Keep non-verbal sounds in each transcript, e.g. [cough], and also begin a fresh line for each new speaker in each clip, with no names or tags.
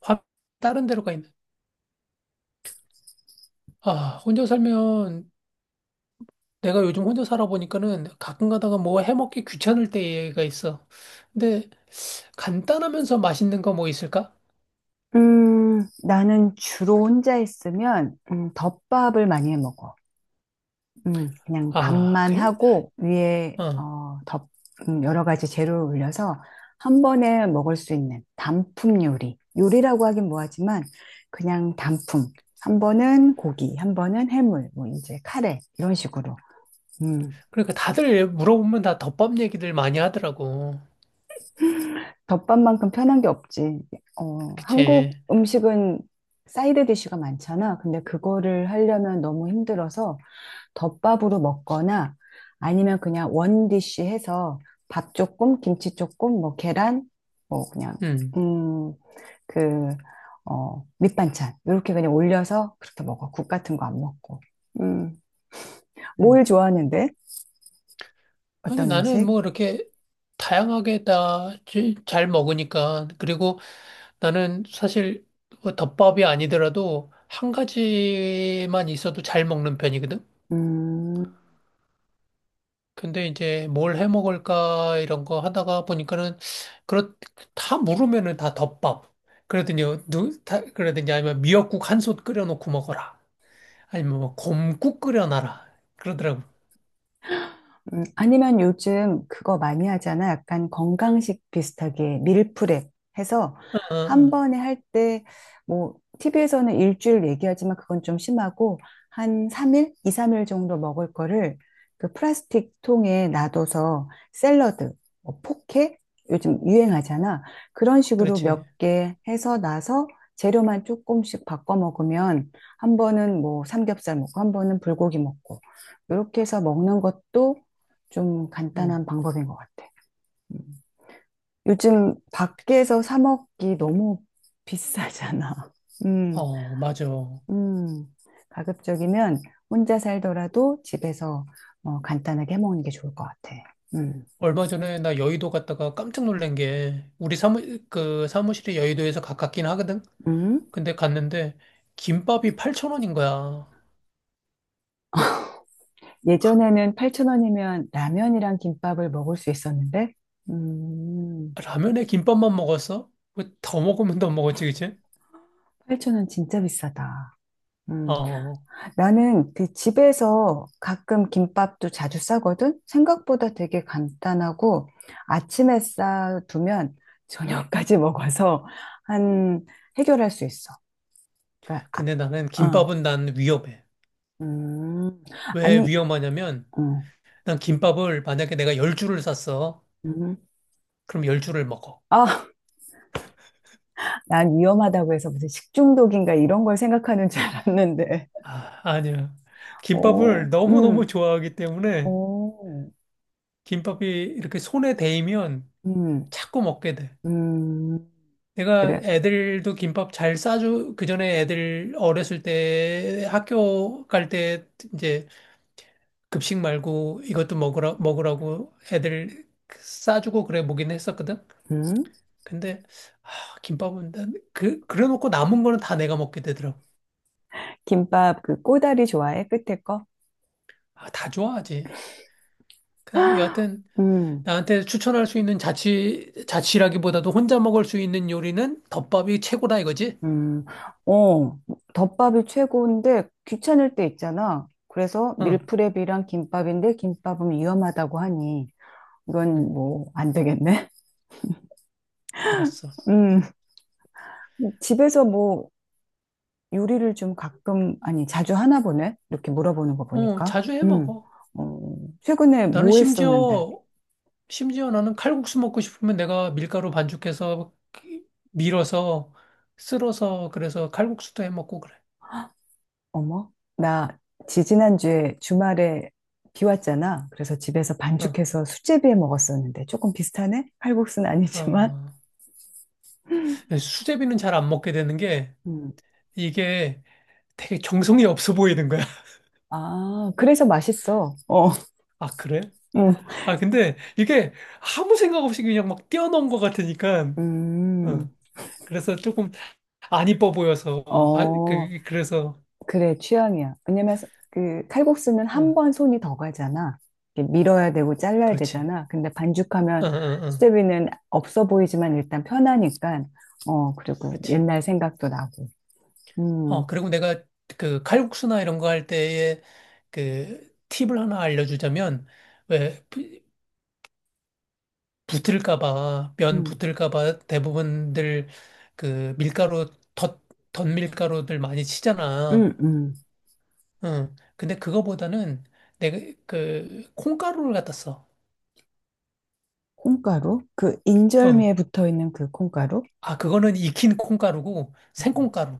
화 다른 데로 가 있는. 아, 혼자 살면 내가 요즘 혼자 살아보니까는 가끔 가다가 뭐 해먹기 귀찮을 때가 있어. 근데 간단하면서 맛있는 거 뭐 있을까?
나는 주로 혼자 있으면, 덮밥을 많이 해 먹어. 그냥
아,
밥만
그래?
하고, 위에,
어.
덮, 여러 가지 재료를 올려서 한 번에 먹을 수 있는 단품 요리. 요리라고 하긴 뭐하지만, 그냥 단품. 한 번은 고기, 한 번은 해물, 뭐, 이제 카레, 이런 식으로. 음.
그러니까 다들 물어보면 다 덮밥 얘기들 많이 하더라고.
덮밥만큼 편한 게 없지. 어,
그치?
한국 음식은 사이드 디쉬가 많잖아. 근데 그거를 하려면 너무 힘들어서, 덮밥으로 먹거나 아니면 그냥 원디쉬 해서 밥 조금, 김치 조금, 뭐 계란, 뭐 그냥
음.
음, 그, 밑반찬 이렇게 그냥 올려서 그렇게 먹어. 국 같은 거 안 먹고. 음.
음.
뭘 좋아하는데?
아니,
어떤
나는
음식?
뭐 이렇게 다양하게 다 잘 먹으니까. 그리고 나는 사실 뭐 덮밥이 아니더라도 한 가지만 있어도 잘 먹는 편이거든.
음.
근데 이제 뭘 해 먹을까 이런 거 하다가 보니까는 그렇 다 물으면은 다 덮밥. 그러더니 그러더니 아니면 미역국 한솥 끓여 놓고 먹어라. 아니면 뭐 곰국 끓여 놔라. 그러더라고.
아니면 요즘 그거 많이 하잖아. 약간 건강식 비슷하게 밀프렙 해서
어, 어,
한
어.
번에 할 때, 뭐, TV에서는 일주일 얘기하지만 그건 좀 심하고, 한 3일? 2, 3일 정도 먹을 거를 그 플라스틱 통에 놔둬서 샐러드, 뭐 포케? 요즘 유행하잖아. 그런 식으로
그렇지.
몇 개 해서 나서 재료만 조금씩 바꿔 먹으면 한 번은 뭐 삼겹살 먹고, 한 번은 불고기 먹고, 이렇게 해서 먹는 것도 좀
음.
간단한 방법인 것 같아. 음. 요즘 밖에서 사 먹기 너무 비싸잖아. [laughs] 음.
어, 맞아.
음. 가급적이면 혼자 살더라도 집에서 어, 간단하게 해 먹는 게 좋을 것 같아. 음.
얼마 전에 나 여의도 갔다가 깜짝 놀란 게 우리 사무 그 사무실이 여의도에서 가깝긴 하거든.
음.
근데 갔는데 김밥이 8,000원인 거야.
예전에는 8,000원이면 라면이랑 김밥을 먹을 수 있었는데, 음,
라면에 김밥만 먹었어? 뭐더 먹으면 더 먹었지, 그치?
8,000원 진짜 비싸다. 음.
어,
나는 그 집에서 가끔 김밥도 자주 싸거든? 생각보다 되게 간단하고 아침에 싸두면 저녁까지 [laughs] 먹어서 한, 해결할 수 있어. 그러니까,
근데 나는
아, 어.
김밥은 난 위험해.
음.
왜
아니.
위험하냐면,
음.
난 김밥을 만약에 내가 열 줄을 샀어.
음.
그럼 열 줄을 먹어.
아, 난 위험하다고 해서 무슨 식중독인가 이런 걸 생각하는 줄 알았는데.
아, 아니야. 김밥을
오.
너무너무
음.
좋아하기 때문에,
오.
김밥이 이렇게 손에 대이면
음.
자꾸 먹게 돼.
음.
내가
그래.
애들도 김밥 잘 싸주, 그 전에 애들 어렸을 때 학교 갈 때 이제 급식 말고 이것도 먹으라고 애들 싸주고 그래 보긴 했었거든.
음.
근데 아, 김밥은 난 그래놓고 남은 거는 다 내가 먹게 되더라고.
김밥 그 꼬다리 좋아해? 끝에 거?
아, 다 좋아하지. 여하튼
음,
나한테 추천할 수 있는 자취라기보다도 혼자 먹을 수 있는 요리는 덮밥이 최고다 이거지?
음. 어, 덮밥이 최고인데 귀찮을 때 있잖아. 그래서
응.
밀프렙이랑 김밥인데 김밥은 위험하다고 하니 이건
응.
뭐 안 되겠네.
알았어.
[laughs] 음, 집에서 뭐 요리를 좀 가끔, 아니 자주 하나 보네? 이렇게 물어보는 거
어,
보니까.
자주 해
음,
먹어.
어. 최근에
나는
뭐 했었는데?
심지어 나는 칼국수 먹고 싶으면 내가 밀가루 반죽해서 그 밀어서 쓸어서 그래서 칼국수도 해 먹고 그래.
어머, 나 지지난주에 주말에 비 왔잖아. 그래서 집에서
어.
반죽해서 수제비에 먹었었는데 조금 비슷하네? 칼국수는 아니지만.
어. 수제비는 잘 안 먹게 되는 게
음.
이게 되게 정성이 없어 보이는 거야. [laughs]
아, 그래서 맛있어. 어.
아, 그래?
음,
아, 근데 이게 아무 생각 없이 그냥 막 뛰어넘은 것 같으니까, 어.
음,
그래서 조금 안 이뻐 보여서, 바- 그,
어,
그, 그래서,
그래, 취향이야. 왜냐면 그 칼국수는 한
어,
번 손이 더 가잖아. 이렇게 밀어야 되고 잘라야
그렇지.
되잖아. 근데 반죽하면
어, 어, 어,
수제비는 없어 보이지만 일단 편하니까. 어, 그리고
그렇지.
옛날 생각도 나고.
어,
음,
그리고 내가 그 칼국수나 이런 거 할 때에 그 팁을 하나 알려주자면, 왜 붙을까 봐, 면
음,
붙을까 봐 대부분들 그 밀가루, 덧 밀가루들 많이
음,
치잖아.
음.
응. 근데 그거보다는 내가 그 콩가루를 갖다 써.
콩가루? 그
응.
인절미에 붙어 있는 그 콩가루?
아, 그거는 익힌 콩가루고
음.
생콩가루.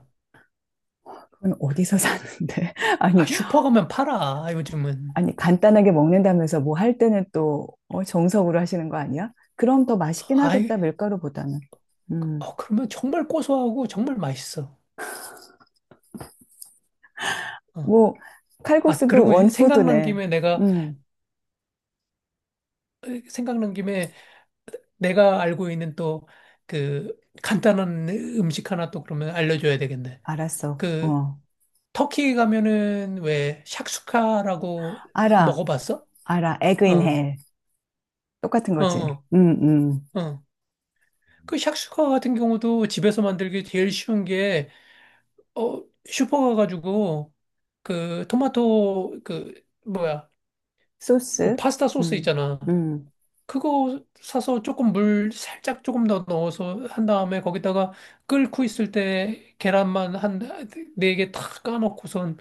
그건 어디서 사는데? [laughs]
아,
아니,
슈퍼 가면 팔아, 요즘은.
아니, 간단하게 먹는다면서 뭐 할 때는 또 어, 정석으로 하시는 거 아니야? 그럼 더 맛있긴
아이,
하겠다, 밀가루보다는. 음.
그러면 정말 고소하고 정말 맛있어. 어.
뭐,
아,
칼국수도
그리고 생각난
원푸드네.
김에 내가,
음.
생각난 김에 내가 알고 있는 또 그 간단한 음식 하나 또 그러면 알려줘야 되겠네.
알았어.
그
어.
터키 가면은 왜 샥슈카라고
알아,
먹어봤어?
알아. 에그 인
어,
헬. 똑같은
어,
거지.
어.
음. 음.
어. 그 샥슈카 같은 경우도 집에서 만들기 제일 쉬운 게, 슈퍼 가가지고, 그, 토마토, 그, 뭐야, 뭐,
소스.
파스타 소스
음,
있잖아.
음,
그거 사서 조금 물 살짝 조금 더 넣어서 한 다음에 거기다가 끓고 있을 때 계란만 한 4개 탁 까놓고선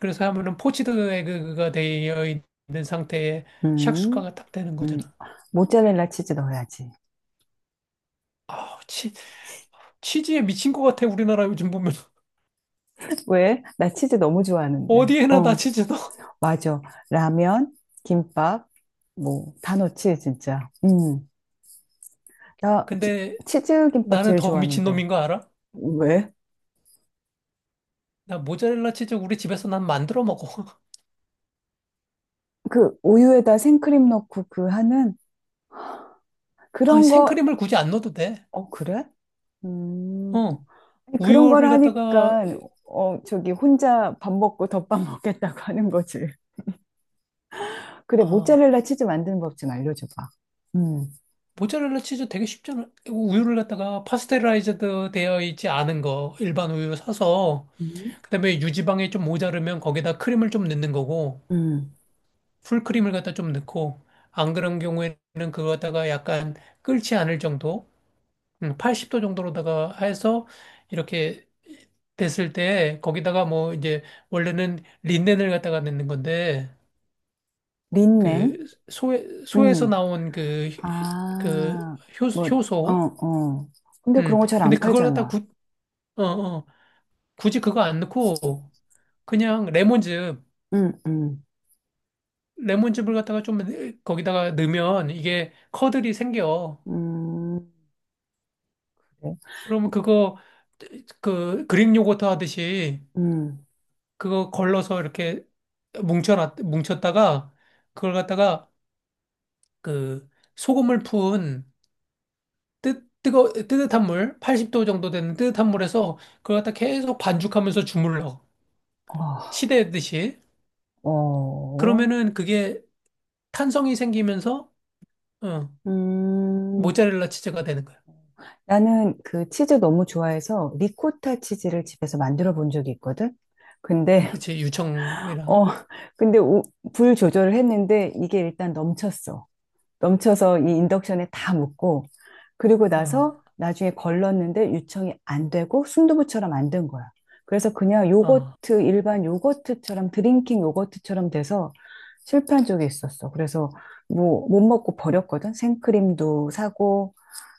그래서 하면은 포치드 에그가 되어 있는 상태에
음,
샥슈카가 딱 되는
음.
거잖아.
모짜렐라 치즈 넣어야지.
아, 치즈에 미친 것 같아, 우리나라 요즘 보면. [laughs]
왜? 나 치즈 너무 좋아하는데.
어디에나 다
어,
치즈 넣어.
맞아. 라면, 김밥, 뭐, 다 넣지, 진짜. 음. 나 기-
근데
치즈 김밥
나는
제일
더 미친
좋아하는데.
놈인 거 알아?
왜?
나 모짜렐라 치즈 우리 집에서 난 만들어 먹어. [laughs]
그 우유에다 생크림 넣고 그 하는
아,
그런 거,
생크림을 굳이 안 넣어도 돼.
어, 그래? 음.
어,
아니, 그런 걸
우유를 갖다가
하니까, 어, 저기 혼자 밥 먹고 덮밥 먹겠다고 하는 거지. 그래,
아,
모짜렐라 치즈 만드는 법 좀 알려줘봐. 음.
모짜렐라 치즈 되게 쉽잖아. 우유를 갖다가 파스테라이즈드 되어 있지 않은 거 일반 우유 사서
음.
그다음에 유지방이 좀 모자르면 거기다 크림을 좀 넣는 거고
음.
풀크림을 갖다 좀 넣고 안 그런 경우에는 그거 갖다가 약간 끓지 않을 정도, 80도 정도로다가 해서 이렇게 됐을 때 거기다가 뭐 이제 원래는 린넨을 갖다가 넣는 건데
린넨?
그 소에서
음.
나온 그 그
아, 뭐, 어,
효소.
어. 근데 그런 거 잘
근데
안 팔잖아.
어, 어, 굳이 그거 안 넣고 그냥 레몬즙
응, 응.
레몬즙을 갖다가 좀 거기다가 넣으면 이게 커들이 생겨.
음, 그래.
그러면 그거 그 그릭 요거트 하듯이
음,
그거 걸러서 이렇게 뭉쳤다가 그걸 갖다가 그 소금을 푼 뜨뜻한 물, 80도 정도 되는 뜨뜻한 물에서 그걸 갖다 계속 반죽하면서 주물러.
어,
치대듯이.
어.
그러면은 그게 탄성이 생기면서, 어,
음.
모짜렐라 치즈가 되는 거야.
나는 그 치즈 너무 좋아해서 리코타 치즈를 집에서 만들어 본 적이 있거든? 근데,
그치,
[laughs]
유청이랑.
어, 근데 우- 불 조절을 했는데 이게 일단 넘쳤어. 넘쳐서 이 인덕션에 다 묻고 그리고
어,
나서 나중에 걸렀는데 유청이 안 되고 순두부처럼 안 된 거야. 그래서 그냥
어,
요거트 일반 요거트처럼 드링킹 요거트처럼 돼서 실패한 적이 있었어. 그래서 뭐 못 먹고 버렸거든. 생크림도 사고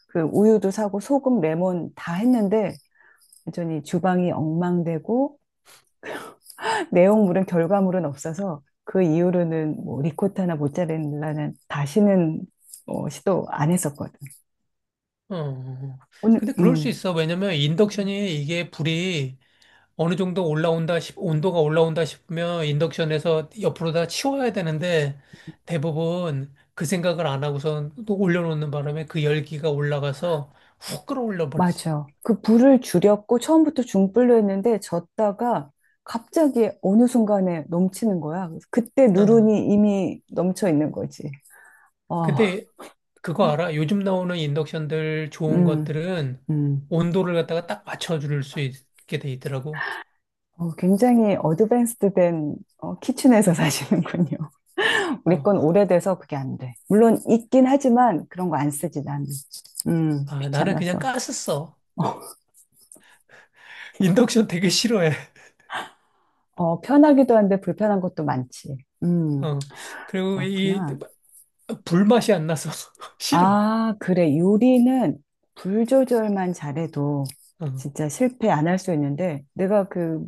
그 우유도 사고 소금, 레몬 다 했는데 완전히 주방이 엉망되고 [laughs] 내용물은 결과물은 없어서 그 이후로는 뭐 리코타나 모짜렐라는 다시는 어, 시도 안 했었거든.
어. 어.
오늘.
근데 그럴 수
음.
있어. 왜냐면
음.
인덕션이 이게 불이 어느 정도 올라온다 온도가 올라온다 싶으면 인덕션에서 옆으로 다 치워야 되는데 대부분 그 생각을 안 하고선 또 올려놓는 바람에 그 열기가 올라가서 훅 끌어올려 버리지.
맞아. 그 불을 줄였고 처음부터 중불로 했는데 졌다가 갑자기 어느 순간에 넘치는 거야. 그래서 그때
어.
누run이 이미 넘쳐 있는 거지. 어.
근데 그거 알아? 요즘 나오는 인덕션들 좋은
음,
것들은
음.
온도를 갖다가 딱 맞춰줄 수 있게 돼 있더라고.
어, 굉장히 어드밴스드 된 어, 키친에서 [laughs] 사시는군요. 우리 건
어.
오래돼서 그게 안 돼. 물론 있긴 하지만 그런 거 안 쓰지, 나는.
아, 나는 그냥
귀찮아서.
가스 써. 인덕션 되게 싫어해.
어, 편하기도 한데 불편한 것도 많지. 음.
어. 그리고 이
그렇구나.
불맛이 안 나서 [laughs] 싫어.
아, 그래. 요리는 불 조절만 잘해도
어.
진짜 실패 안 할 수 있는데, 내가 그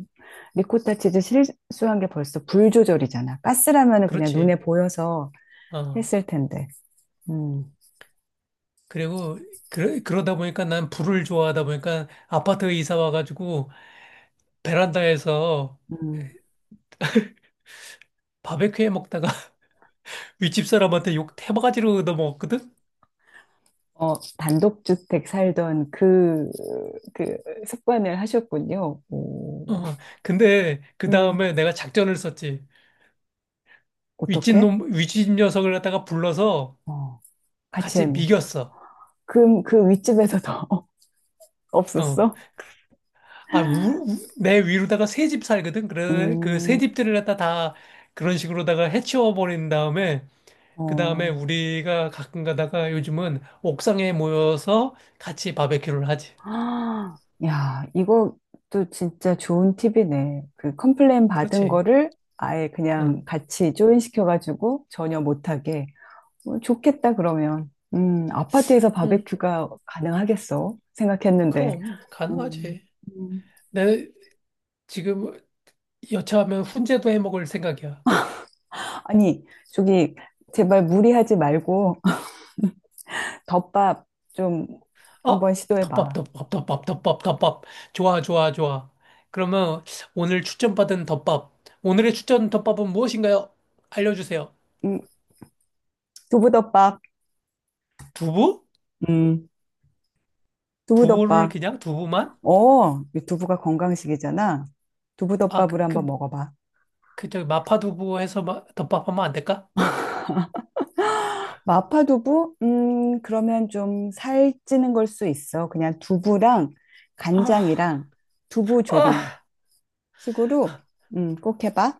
리코타 치즈 실수한 게 벌써 불 조절이잖아. 가스라면은 그냥
그렇지.
눈에 보여서
어
했을 텐데. 음.
그리고 그러다 보니까 난 불을 좋아하다 보니까 아파트에 이사 와가지고 베란다에서
음.
바베큐 해 먹다가 [laughs] 윗집 사람한테 욕 태바가지로 넘어거든.
어, 단독주택 살던 그, 그 습관을 하셨군요. 오.
어, 근데 그
음,
다음에 내가 작전을 썼지. 윗집
어떻게?
놈, 윗집 녀석을 갖다가 불러서
어, 같이
같이
해 먹었어.
미겼어.
그, 그 윗집에서 더 [laughs]
어.
없었어?
아, 내 위로다가 새 집 살거든? 그래, 그 새
음.
집들을 갖다 다 그런 식으로다가 해치워 버린 다음에 그 다음에
어.
우리가 가끔 가다가 요즘은 옥상에 모여서 같이 바베큐를 하지.
아, 야, 이것도 진짜 좋은 팁이네. 그 컴플레인 받은
그렇지.
거를 아예 그냥
응.
같이 조인시켜가지고 전혀 못하게. 어, 좋겠다, 그러면. 아파트에서
응.
바베큐가 가능하겠어? 생각했는데.
그럼
음.
가능하지.
음.
내 지금 여차하면 훈제도 해 먹을 생각이야.
아니, 저기, 제발 무리하지 말고, [laughs] 덮밥 좀
어?
한번
덮밥,
시도해봐.
덮밥, 덮밥, 덮밥, 덮밥. 좋아, 좋아, 좋아. 그러면 오늘 추천받은 덮밥. 오늘의 추천 덮밥은 무엇인가요? 알려주세요.
음, 두부덮밥.
두부?
음,
두부를
두부덮밥.
그냥 두부만?
어, 이 두부가 건강식이잖아.
아,
두부덮밥으로 한번 먹어봐.
저기 마파두부 해서 덮밥 하면 안 될까?
마파두부? 그러면 좀 살찌는 걸 수 있어. 그냥 두부랑
아,
간장이랑 두부조림
아.
식으로 꼭 해봐.